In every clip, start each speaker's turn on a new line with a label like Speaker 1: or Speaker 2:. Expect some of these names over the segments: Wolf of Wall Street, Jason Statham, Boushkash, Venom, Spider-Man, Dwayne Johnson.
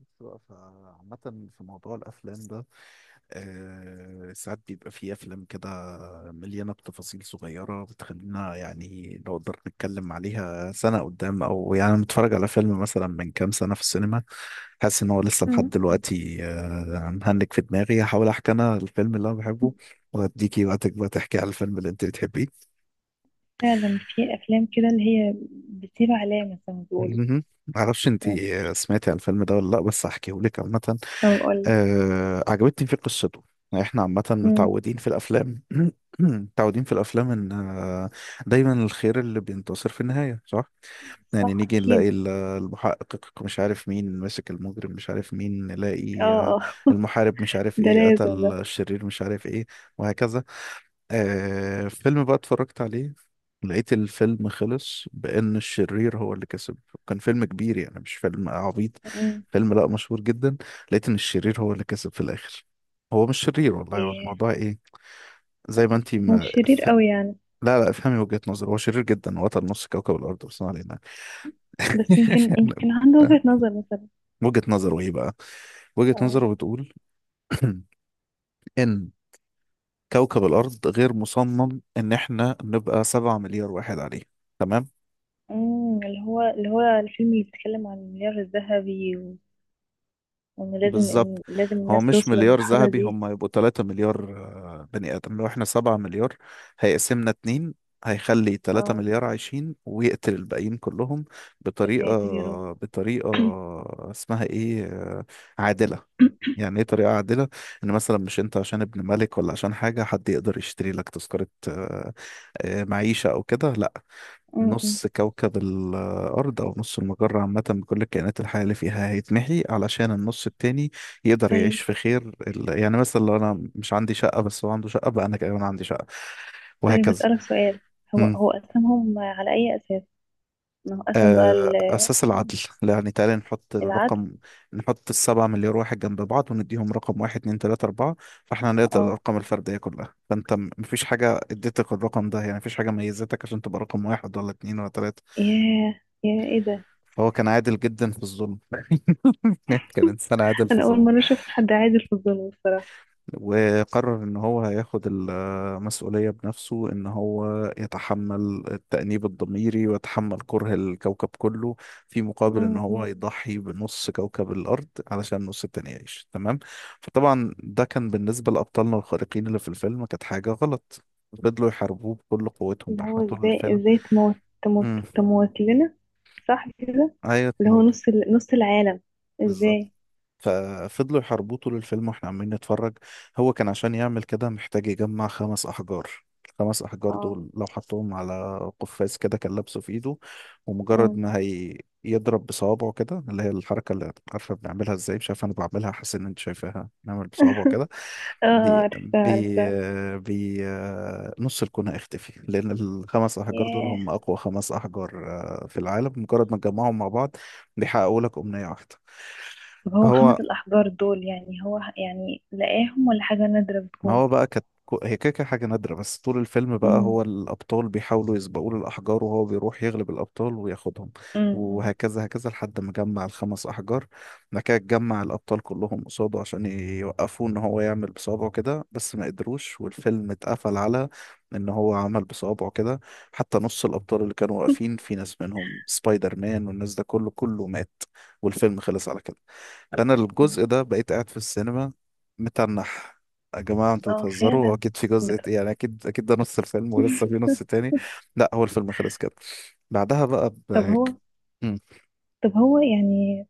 Speaker 1: بس بقى، فعامة في موضوع الأفلام ده، ساعات بيبقى فيه أفلام كده مليانة بتفاصيل صغيرة بتخلينا يعني نقدر نتكلم عليها سنة قدام، أو يعني أنا متفرج على فيلم مثلا من كام سنة في السينما، حاسس إن هو لسه لحد
Speaker 2: مم.
Speaker 1: دلوقتي مهنك في دماغي. هحاول أحكي أنا الفيلم اللي أنا بحبه، وأديكي وقتك بقى تحكي على الفيلم اللي أنت بتحبيه.
Speaker 2: فعلا في افلام كده اللي هي بتسيب علامة زي ما بيقولوا.
Speaker 1: مهم. معرفش أنت
Speaker 2: آه،
Speaker 1: سمعتي على الفيلم ده ولا لأ، بس هحكيهولك عامة.
Speaker 2: طب اقول
Speaker 1: عجبتني فيه قصته. يعني احنا عامة
Speaker 2: لك.
Speaker 1: متعودين في الأفلام متعودين في الأفلام إن دايما الخير اللي بينتصر في النهاية، صح؟ يعني
Speaker 2: صح،
Speaker 1: نيجي نلاقي
Speaker 2: اكيد.
Speaker 1: المحقق مش عارف مين ماسك، المجرم مش عارف مين، نلاقي
Speaker 2: اه، اه.
Speaker 1: المحارب مش عارف
Speaker 2: ده
Speaker 1: ايه
Speaker 2: لازم ده.
Speaker 1: قتل، الشرير مش عارف ايه، وهكذا. فيلم بقى اتفرجت عليه، لقيت الفيلم خلص بأن الشرير هو اللي كسب. كان فيلم كبير يعني، مش فيلم عبيط،
Speaker 2: مم.
Speaker 1: فيلم لا مشهور جدا. لقيت ان الشرير هو اللي كسب في الاخر. هو مش شرير، والله هو
Speaker 2: إيه،
Speaker 1: الموضوع ايه، زي ما انتي
Speaker 2: هو
Speaker 1: ما
Speaker 2: مش شرير
Speaker 1: ف...
Speaker 2: قوي يعني.
Speaker 1: لا لا، افهمي وجهة نظري. هو شرير جدا وقتل نص كوكب الارض، بس ما علينا.
Speaker 2: بس يمكن عنده وجهة نظر مثلا.
Speaker 1: وجهة نظره ايه بقى؟ وجهة
Speaker 2: اه.
Speaker 1: نظره بتقول ان كوكب الارض غير مصمم ان احنا نبقى 7 مليار واحد عليه. تمام؟
Speaker 2: مم، اللي هو الفيلم اللي بيتكلم عن المليار الذهبي و- وان لازم
Speaker 1: بالظبط.
Speaker 2: إن
Speaker 1: هو
Speaker 2: الناس
Speaker 1: مش
Speaker 2: توصل
Speaker 1: مليار
Speaker 2: للمرحلة
Speaker 1: ذهبي،
Speaker 2: دي.
Speaker 1: هم يبقوا 3 مليار بني آدم. لو احنا 7 مليار، هيقسمنا اتنين، هيخلي 3
Speaker 2: اه،
Speaker 1: مليار عايشين ويقتل الباقيين كلهم
Speaker 2: يا
Speaker 1: بطريقة،
Speaker 2: ساتر يا رب.
Speaker 1: بطريقة اسمها ايه، عادلة. يعني ايه طريقة عادلة؟ ان مثلا مش انت عشان ابن ملك ولا عشان حاجة حد يقدر يشتري لك تذكرة معيشة او كده، لا.
Speaker 2: مم، مم.
Speaker 1: نص كوكب الأرض أو نص المجرة عامة بكل الكائنات الحية اللي فيها هيتمحي علشان النص التاني يقدر
Speaker 2: طيب،
Speaker 1: يعيش في خير يعني مثلا لو أنا مش عندي شقة بس هو عنده شقة، بقى أنا كمان عندي شقة،
Speaker 2: طيب
Speaker 1: وهكذا.
Speaker 2: اسألك سؤال. هو
Speaker 1: مم.
Speaker 2: هو أسمهم على أي أساس؟ نوقفن بقى ال-
Speaker 1: أساس العدل. يعني تعالى نحط
Speaker 2: العدل.
Speaker 1: الرقم، نحط ال7 مليار واحد جنب بعض ونديهم رقم واحد اتنين تلاتة أربعة. فاحنا هنقدر
Speaker 2: اه،
Speaker 1: الأرقام الفردية كلها. فأنت مفيش حاجة اديتك الرقم ده، يعني مفيش حاجة ميزتك عشان تبقى رقم واحد ولا اتنين ولا تلاتة.
Speaker 2: ياه ياه، ايه ده؟
Speaker 1: فهو كان عادل جدا في الظلم. كان إنسان عادل في
Speaker 2: انا اول
Speaker 1: الظلم،
Speaker 2: مره اشوف حد عادل في الظلم الصراحه.
Speaker 1: وقرر إن هو هياخد المسؤولية بنفسه، إن هو يتحمل التأنيب الضميري ويتحمل كره الكوكب كله في مقابل إن
Speaker 2: م-
Speaker 1: هو
Speaker 2: م.
Speaker 1: يضحي بنص كوكب الأرض علشان النص التاني يعيش. تمام؟ فطبعا ده كان بالنسبة لأبطالنا الخارقين اللي في الفيلم كانت حاجة غلط، فضلوا يحاربوه بكل قوتهم
Speaker 2: اللي
Speaker 1: بقى
Speaker 2: هو
Speaker 1: احنا طول
Speaker 2: ازاي
Speaker 1: الفيلم.
Speaker 2: ازاي تموت تموت
Speaker 1: امم.
Speaker 2: تموت لنا؟ صح كده؟
Speaker 1: ايوه،
Speaker 2: اللي هو
Speaker 1: موت.
Speaker 2: نص العالم؟
Speaker 1: بالظبط.
Speaker 2: ازاي؟
Speaker 1: ففضلوا يحاربوه طول الفيلم واحنا عمالين نتفرج. هو كان عشان يعمل كده محتاج يجمع خمس أحجار. الخمس أحجار
Speaker 2: اه.
Speaker 1: دول لو حطهم على قفاز كده كان لابسه في إيده، ومجرد
Speaker 2: م.
Speaker 1: ما هي يضرب بصوابعه كده، اللي هي الحركة اللي عارفة بنعملها ازاي، مش عارف انا بعملها حاسس ان انت شايفاها، نعمل بصوابعه كده.
Speaker 2: اه،
Speaker 1: بي،
Speaker 2: عرفتها،
Speaker 1: بي،
Speaker 2: عرفتها.
Speaker 1: بي. نص الكون هيختفي، لأن الخمس أحجار دول
Speaker 2: ياه.
Speaker 1: هم أقوى خمس أحجار في العالم. مجرد ما تجمعهم مع بعض بيحققوا لك أمنية واحدة.
Speaker 2: طب هو خمس
Speaker 1: فهو
Speaker 2: الأحجار دول، يعني يعني لقاهم ولا حاجة نادرة
Speaker 1: ما
Speaker 2: بتكون؟
Speaker 1: هو بقى كانت هي كده كده حاجة نادرة، بس طول الفيلم بقى
Speaker 2: امم
Speaker 1: هو الأبطال بيحاولوا يسبقوا له الأحجار، وهو بيروح يغلب الأبطال وياخدهم،
Speaker 2: امم
Speaker 1: وهكذا هكذا لحد ما جمع الخمس أحجار. بعد كده جمع الأبطال كلهم قصاده عشان يوقفوه إن هو يعمل بصوابعه كده، بس ما قدروش. والفيلم اتقفل على إن هو عمل بصوابعه كده، حتى نص الأبطال اللي كانوا واقفين في ناس منهم سبايدر مان والناس ده كله كله مات، والفيلم خلص على كده. فأنا الجزء ده بقيت قاعد في السينما متنح. يا جماعة انتوا
Speaker 2: اه
Speaker 1: بتهزروا، هو
Speaker 2: فعلا.
Speaker 1: اكيد في جزء
Speaker 2: بت...
Speaker 1: يعني اكيد اكيد ده نص الفيلم ولسه في نص تاني. لا هو الفيلم خلص كده. بعدها بقى
Speaker 2: طب هو،
Speaker 1: مم.
Speaker 2: طب هو يعني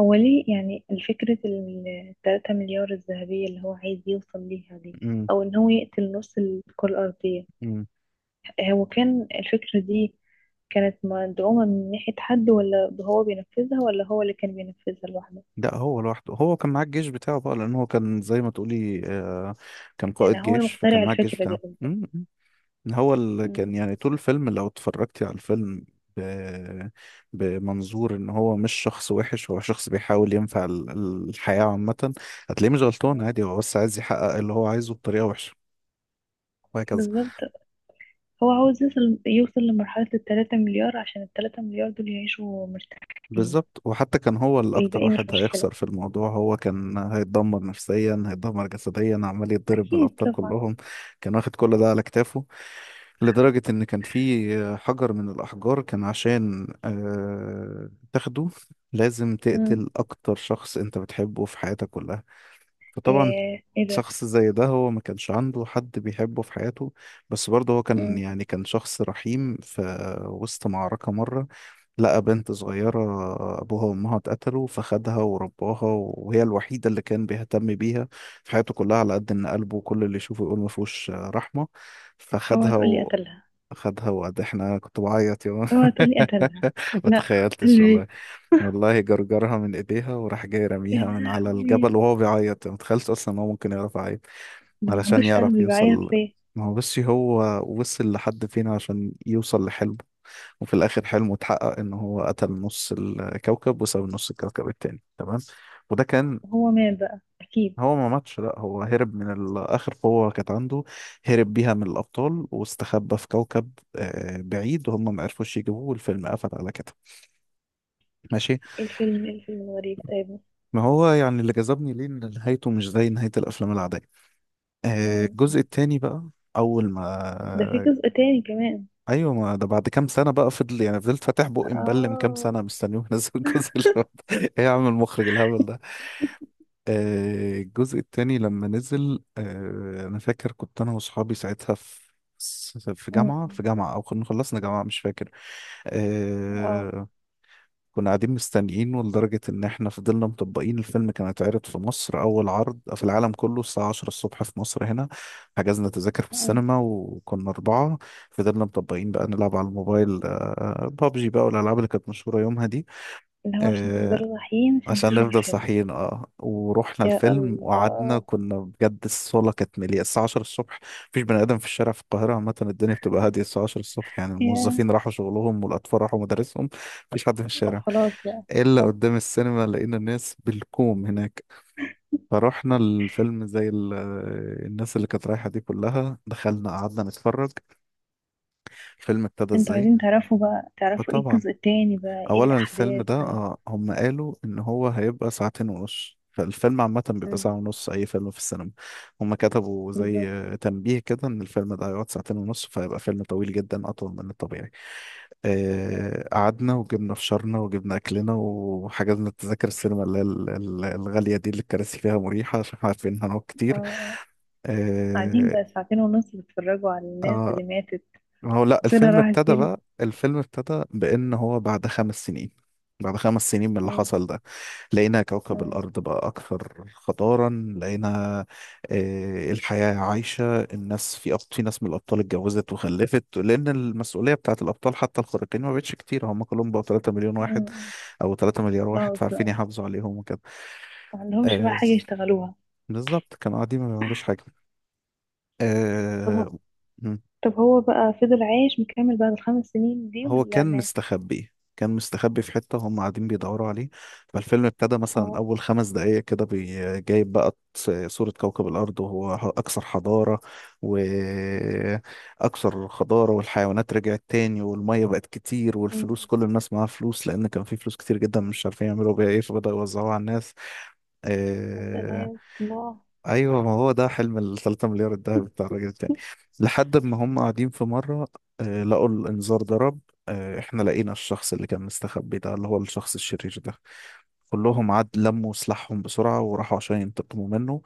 Speaker 2: هو ليه يعني الفكرة ال3 مليار الذهبية اللي هو عايز يوصل ليها دي،
Speaker 1: مم.
Speaker 2: أو إن هو يقتل نص الكرة الأرضية؟
Speaker 1: مم.
Speaker 2: هو كان الفكرة دي كانت مدعومة من ناحية حد، ولا هو بينفذها، ولا هو اللي كان بينفذها لوحده؟
Speaker 1: لا، هو لوحده. هو كان معاه الجيش بتاعه بقى، لان هو كان زي ما تقولي كان قائد
Speaker 2: يعني هو
Speaker 1: جيش، فكان
Speaker 2: المخترع
Speaker 1: معاه الجيش
Speaker 2: الفكرة دي
Speaker 1: بتاعه.
Speaker 2: قصدي.
Speaker 1: مم. مم. هو اللي
Speaker 2: مم.
Speaker 1: كان يعني طول الفيلم لو اتفرجتي على الفيلم ب... بمنظور ان هو مش شخص وحش، هو شخص بيحاول ينفع الحياة عامة، هتلاقيه مش غلطان عادي. هو بس عايز يحقق اللي هو عايزه بطريقة وحشة، وهكذا.
Speaker 2: بالظبط. هو عاوز يوصل لمرحلة ال3 مليار عشان ال3 مليار دول يعيشوا مرتاحين.
Speaker 1: بالظبط. وحتى كان هو اللي اكتر
Speaker 2: والباقي مش
Speaker 1: واحد
Speaker 2: مشكلة.
Speaker 1: هيخسر في الموضوع، هو كان هيتدمر نفسيا، هيتدمر جسديا عمال يتضرب من
Speaker 2: أكيد
Speaker 1: الابطال
Speaker 2: طبعا.
Speaker 1: كلهم. كان واخد كل ده على كتافه، لدرجة ان كان في حجر من الاحجار كان عشان تاخده لازم
Speaker 2: مم.
Speaker 1: تقتل اكتر شخص انت بتحبه في حياتك كلها. فطبعا
Speaker 2: إيه ده!
Speaker 1: شخص زي ده هو ما كانش عنده حد بيحبه في حياته، بس برضه هو كان
Speaker 2: مم.
Speaker 1: يعني كان شخص رحيم. في وسط معركة مرة لقى بنت صغيرة أبوها وأمها اتقتلوا، فخدها ورباها وهي الوحيدة اللي كان بيهتم بيها في حياته كلها، على قد إن قلبه كل اللي يشوفه يقول ما فيهوش رحمة.
Speaker 2: اوعى
Speaker 1: فخدها
Speaker 2: تقولي قتلها!
Speaker 1: خدها، وقد احنا كنت بعيط يا مان.
Speaker 2: اوعى تقولي قتلها!
Speaker 1: ما
Speaker 2: لا،
Speaker 1: تخيلتش والله.
Speaker 2: قلبي.
Speaker 1: والله جرجرها من ايديها وراح جاي
Speaker 2: يا
Speaker 1: رميها من على
Speaker 2: لهوي،
Speaker 1: الجبل وهو بيعيط، ما تخيلتش اصلا ان هو ممكن يعرف يعيط
Speaker 2: ده ما
Speaker 1: علشان
Speaker 2: عندوش
Speaker 1: يعرف
Speaker 2: قلبي، بعيط
Speaker 1: يوصل.
Speaker 2: ليه؟
Speaker 1: ما هو بس هو وصل لحد فين عشان يوصل لحلمه. وفي الاخر حلمه اتحقق، ان هو قتل نص الكوكب وساب نص الكوكب التاني. تمام؟ وده كان.
Speaker 2: هو مات بقى اكيد.
Speaker 1: هو ما ماتش، لا هو هرب من اخر قوة كانت عنده، هرب بيها من الابطال، واستخبى في كوكب بعيد وهم ما عرفوش يجيبوه، والفيلم قفل على كده. ماشي.
Speaker 2: ايه الفيلم، ايه الفيلم الغريب؟ طيب.
Speaker 1: ما هو يعني اللي جذبني ليه ان نهايته مش زي نهاية الافلام العادية. الجزء
Speaker 2: مم.
Speaker 1: التاني بقى. اول
Speaker 2: ده في
Speaker 1: ما
Speaker 2: جزء تاني كمان؟
Speaker 1: ايوه، ما ده بعد كام سنه بقى، فضل يعني فضلت فاتح بقي مبلم كام
Speaker 2: اه.
Speaker 1: سنه مستنيه ينزل الجزء اللي بعده. ايه يا عم المخرج الهبل ده. الجزء التاني لما نزل، انا فاكر كنت انا واصحابي ساعتها في في
Speaker 2: مم.
Speaker 1: جامعة في جامعة او كنا خلصنا جامعة مش فاكر.
Speaker 2: اه.
Speaker 1: آه، كنا قاعدين مستنيينه لدرجة ان احنا فضلنا مطبقين. الفيلم كان هيتعرض في مصر اول عرض في العالم كله الساعة 10 الصبح في مصر هنا. حجزنا تذاكر في
Speaker 2: مم.
Speaker 1: السينما وكنا اربعة. فضلنا مطبقين بقى نلعب على الموبايل، بابجي بقى والالعاب اللي كانت مشهورة يومها دي،
Speaker 2: اللي هو عشان
Speaker 1: آه،
Speaker 2: تفضلوا صاحيين عشان
Speaker 1: عشان
Speaker 2: تشوفوا
Speaker 1: نفضل
Speaker 2: الفيلم.
Speaker 1: صاحيين. اه، ورحنا
Speaker 2: يا
Speaker 1: الفيلم وقعدنا،
Speaker 2: الله.
Speaker 1: كنا بجد الصاله كانت مليئه الساعه 10 الصبح. مفيش بني ادم في الشارع في القاهره عامه، الدنيا بتبقى هاديه الساعه 10 الصبح، يعني
Speaker 2: يا
Speaker 1: الموظفين راحوا شغلهم والاطفال راحوا مدارسهم. مفيش حد في
Speaker 2: أو
Speaker 1: الشارع،
Speaker 2: خلاص بقى.
Speaker 1: الا
Speaker 2: صح.
Speaker 1: قدام السينما لقينا الناس بالكوم هناك. فرحنا الفيلم زي الناس اللي كانت رايحه دي كلها، دخلنا قعدنا نتفرج الفيلم ابتدى
Speaker 2: انتوا
Speaker 1: ازاي.
Speaker 2: عايزين تعرفوا بقى، تعرفوا ايه
Speaker 1: فطبعا
Speaker 2: الجزء التاني بقى، ايه
Speaker 1: اولا الفيلم
Speaker 2: الأحداث؟
Speaker 1: ده
Speaker 2: طيب.
Speaker 1: هم قالوا ان هو هيبقى ساعتين ونص. فالفيلم عامة بيبقى
Speaker 2: مم.
Speaker 1: ساعة ونص، أي فيلم في السينما. هم كتبوا زي
Speaker 2: بالظبط.
Speaker 1: تنبيه كده، إن الفيلم ده هيقعد ساعتين ونص، فهيبقى فيلم طويل جدا أطول من الطبيعي.
Speaker 2: مم.
Speaker 1: قعدنا وجبنا فشارنا وجبنا أكلنا، وحجزنا تذاكر السينما اللي هي الغالية دي اللي الكراسي فيها مريحة، عشان عارفين إن هنقعد كتير.
Speaker 2: اه. قاعدين
Speaker 1: آه،
Speaker 2: بقى ساعتين ونص بيتفرجوا على الناس
Speaker 1: آه،
Speaker 2: اللي ماتت؟
Speaker 1: ما هو لا
Speaker 2: مصيرها
Speaker 1: الفيلم
Speaker 2: راحت
Speaker 1: ابتدى
Speaker 2: فين؟
Speaker 1: بقى. الفيلم ابتدى بان هو بعد 5 سنين، من اللي
Speaker 2: مم.
Speaker 1: حصل ده، لقينا كوكب
Speaker 2: مم.
Speaker 1: الارض بقى اكثر خطارا. لقينا الحياه عايشه، الناس في في ناس من الابطال اتجوزت وخلفت لان المسؤوليه بتاعت الابطال حتى الخارقين ما بقتش كتير، هم كلهم بقوا 3 مليون واحد
Speaker 2: مم.
Speaker 1: او 3 مليار واحد
Speaker 2: خلاص
Speaker 1: فعارفين
Speaker 2: بقى.
Speaker 1: يحافظوا عليهم وكده.
Speaker 2: ما عندهمش بقى
Speaker 1: آه،
Speaker 2: حاجة يشتغلوها.
Speaker 1: بالظبط. كانوا قاعدين ما بيعملوش حاجه.
Speaker 2: طب هو
Speaker 1: آه،
Speaker 2: طب هو بقى فضل عايش مكمل بعد ال5 سنين دي،
Speaker 1: هو
Speaker 2: ولا
Speaker 1: كان
Speaker 2: مات؟
Speaker 1: مستخبي، كان مستخبي في حتة وهم قاعدين بيدوروا عليه. فالفيلم ابتدى مثلا
Speaker 2: اه.
Speaker 1: أول 5 دقايق كده جايب بقى صورة كوكب الأرض وهو أكثر حضارة وأكثر خضارة، والحيوانات رجعت تاني، والمية بقت كتير،
Speaker 2: مم.
Speaker 1: والفلوس كل الناس معاها فلوس، لأن كان في فلوس كتير جدا مش عارفين يعملوا بيها إيه، فبدأوا يوزعوها على الناس.
Speaker 2: يا
Speaker 1: آه،
Speaker 2: سلام الله.
Speaker 1: ايوه، ما هو ده حلم ال 3 مليار الذهبي بتاع الراجل التاني. لحد ما هم قاعدين في مره لقوا الانذار ضرب. احنا لقينا الشخص اللي كان مستخبي ده اللي هو الشخص الشرير ده، كلهم عاد لموا سلاحهم بسرعه وراحوا عشان ينتقموا منه.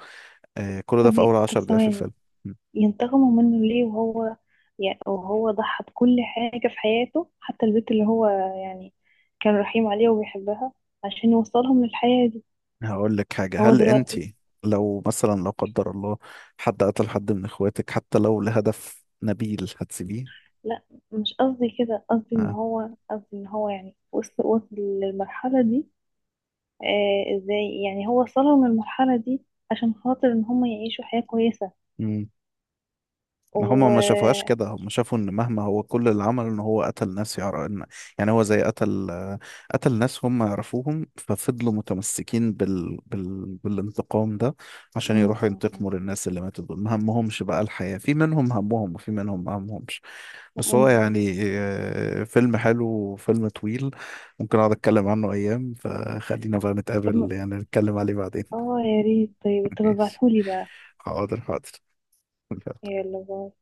Speaker 1: كل ده في اول 10
Speaker 2: طب
Speaker 1: دقائق في
Speaker 2: ثواني،
Speaker 1: الفيلم. م.
Speaker 2: ينتقموا منه ليه؟ وهو يعني وهو ضحى بكل حاجة في حياته، حتى البنت اللي هو يعني كان رحيم عليها وبيحبها، عشان يوصلهم للحياة دي
Speaker 1: هقول لك حاجه،
Speaker 2: هو
Speaker 1: هل انت
Speaker 2: دلوقتي.
Speaker 1: لو مثلا لا قدر الله حد قتل حد من اخواتك حتى لو لهدف نبيل هتسيبيه؟
Speaker 2: لا، مش قصدي كده، قصدي ان هو، قصدي ان هو يعني وصل للمرحلة دي. آه، ازاي يعني هو وصلوا من المرحلة دي عشان خاطر ان هم يعيشوا حياة كويسة
Speaker 1: ها. ما هما
Speaker 2: و
Speaker 1: ما شافوهاش كده، هما شافوا ان مهما هو كل اللي عمله ان هو قتل ناس يعرف إن، يعني هو زي قتل، ناس هم يعرفوهم، ففضلوا متمسكين بالانتقام ده، عشان
Speaker 2: م-
Speaker 1: يروحوا
Speaker 2: م- م-
Speaker 1: ينتقموا للناس اللي ماتوا دول. ما همهمش بقى الحياة، في منهم همهم وفي منهم ما همهمش.
Speaker 2: م-
Speaker 1: بس هو
Speaker 2: م.
Speaker 1: يعني فيلم حلو وفيلم طويل، ممكن اقعد اتكلم عنه ايام. فخلينا بقى نتقابل
Speaker 2: طب،
Speaker 1: يعني نتكلم عليه بعدين.
Speaker 2: اه يا ريت، طيب طب
Speaker 1: ماشي.
Speaker 2: ابعتهولي بقى.
Speaker 1: حاضر حاضر.
Speaker 2: يلا، باي.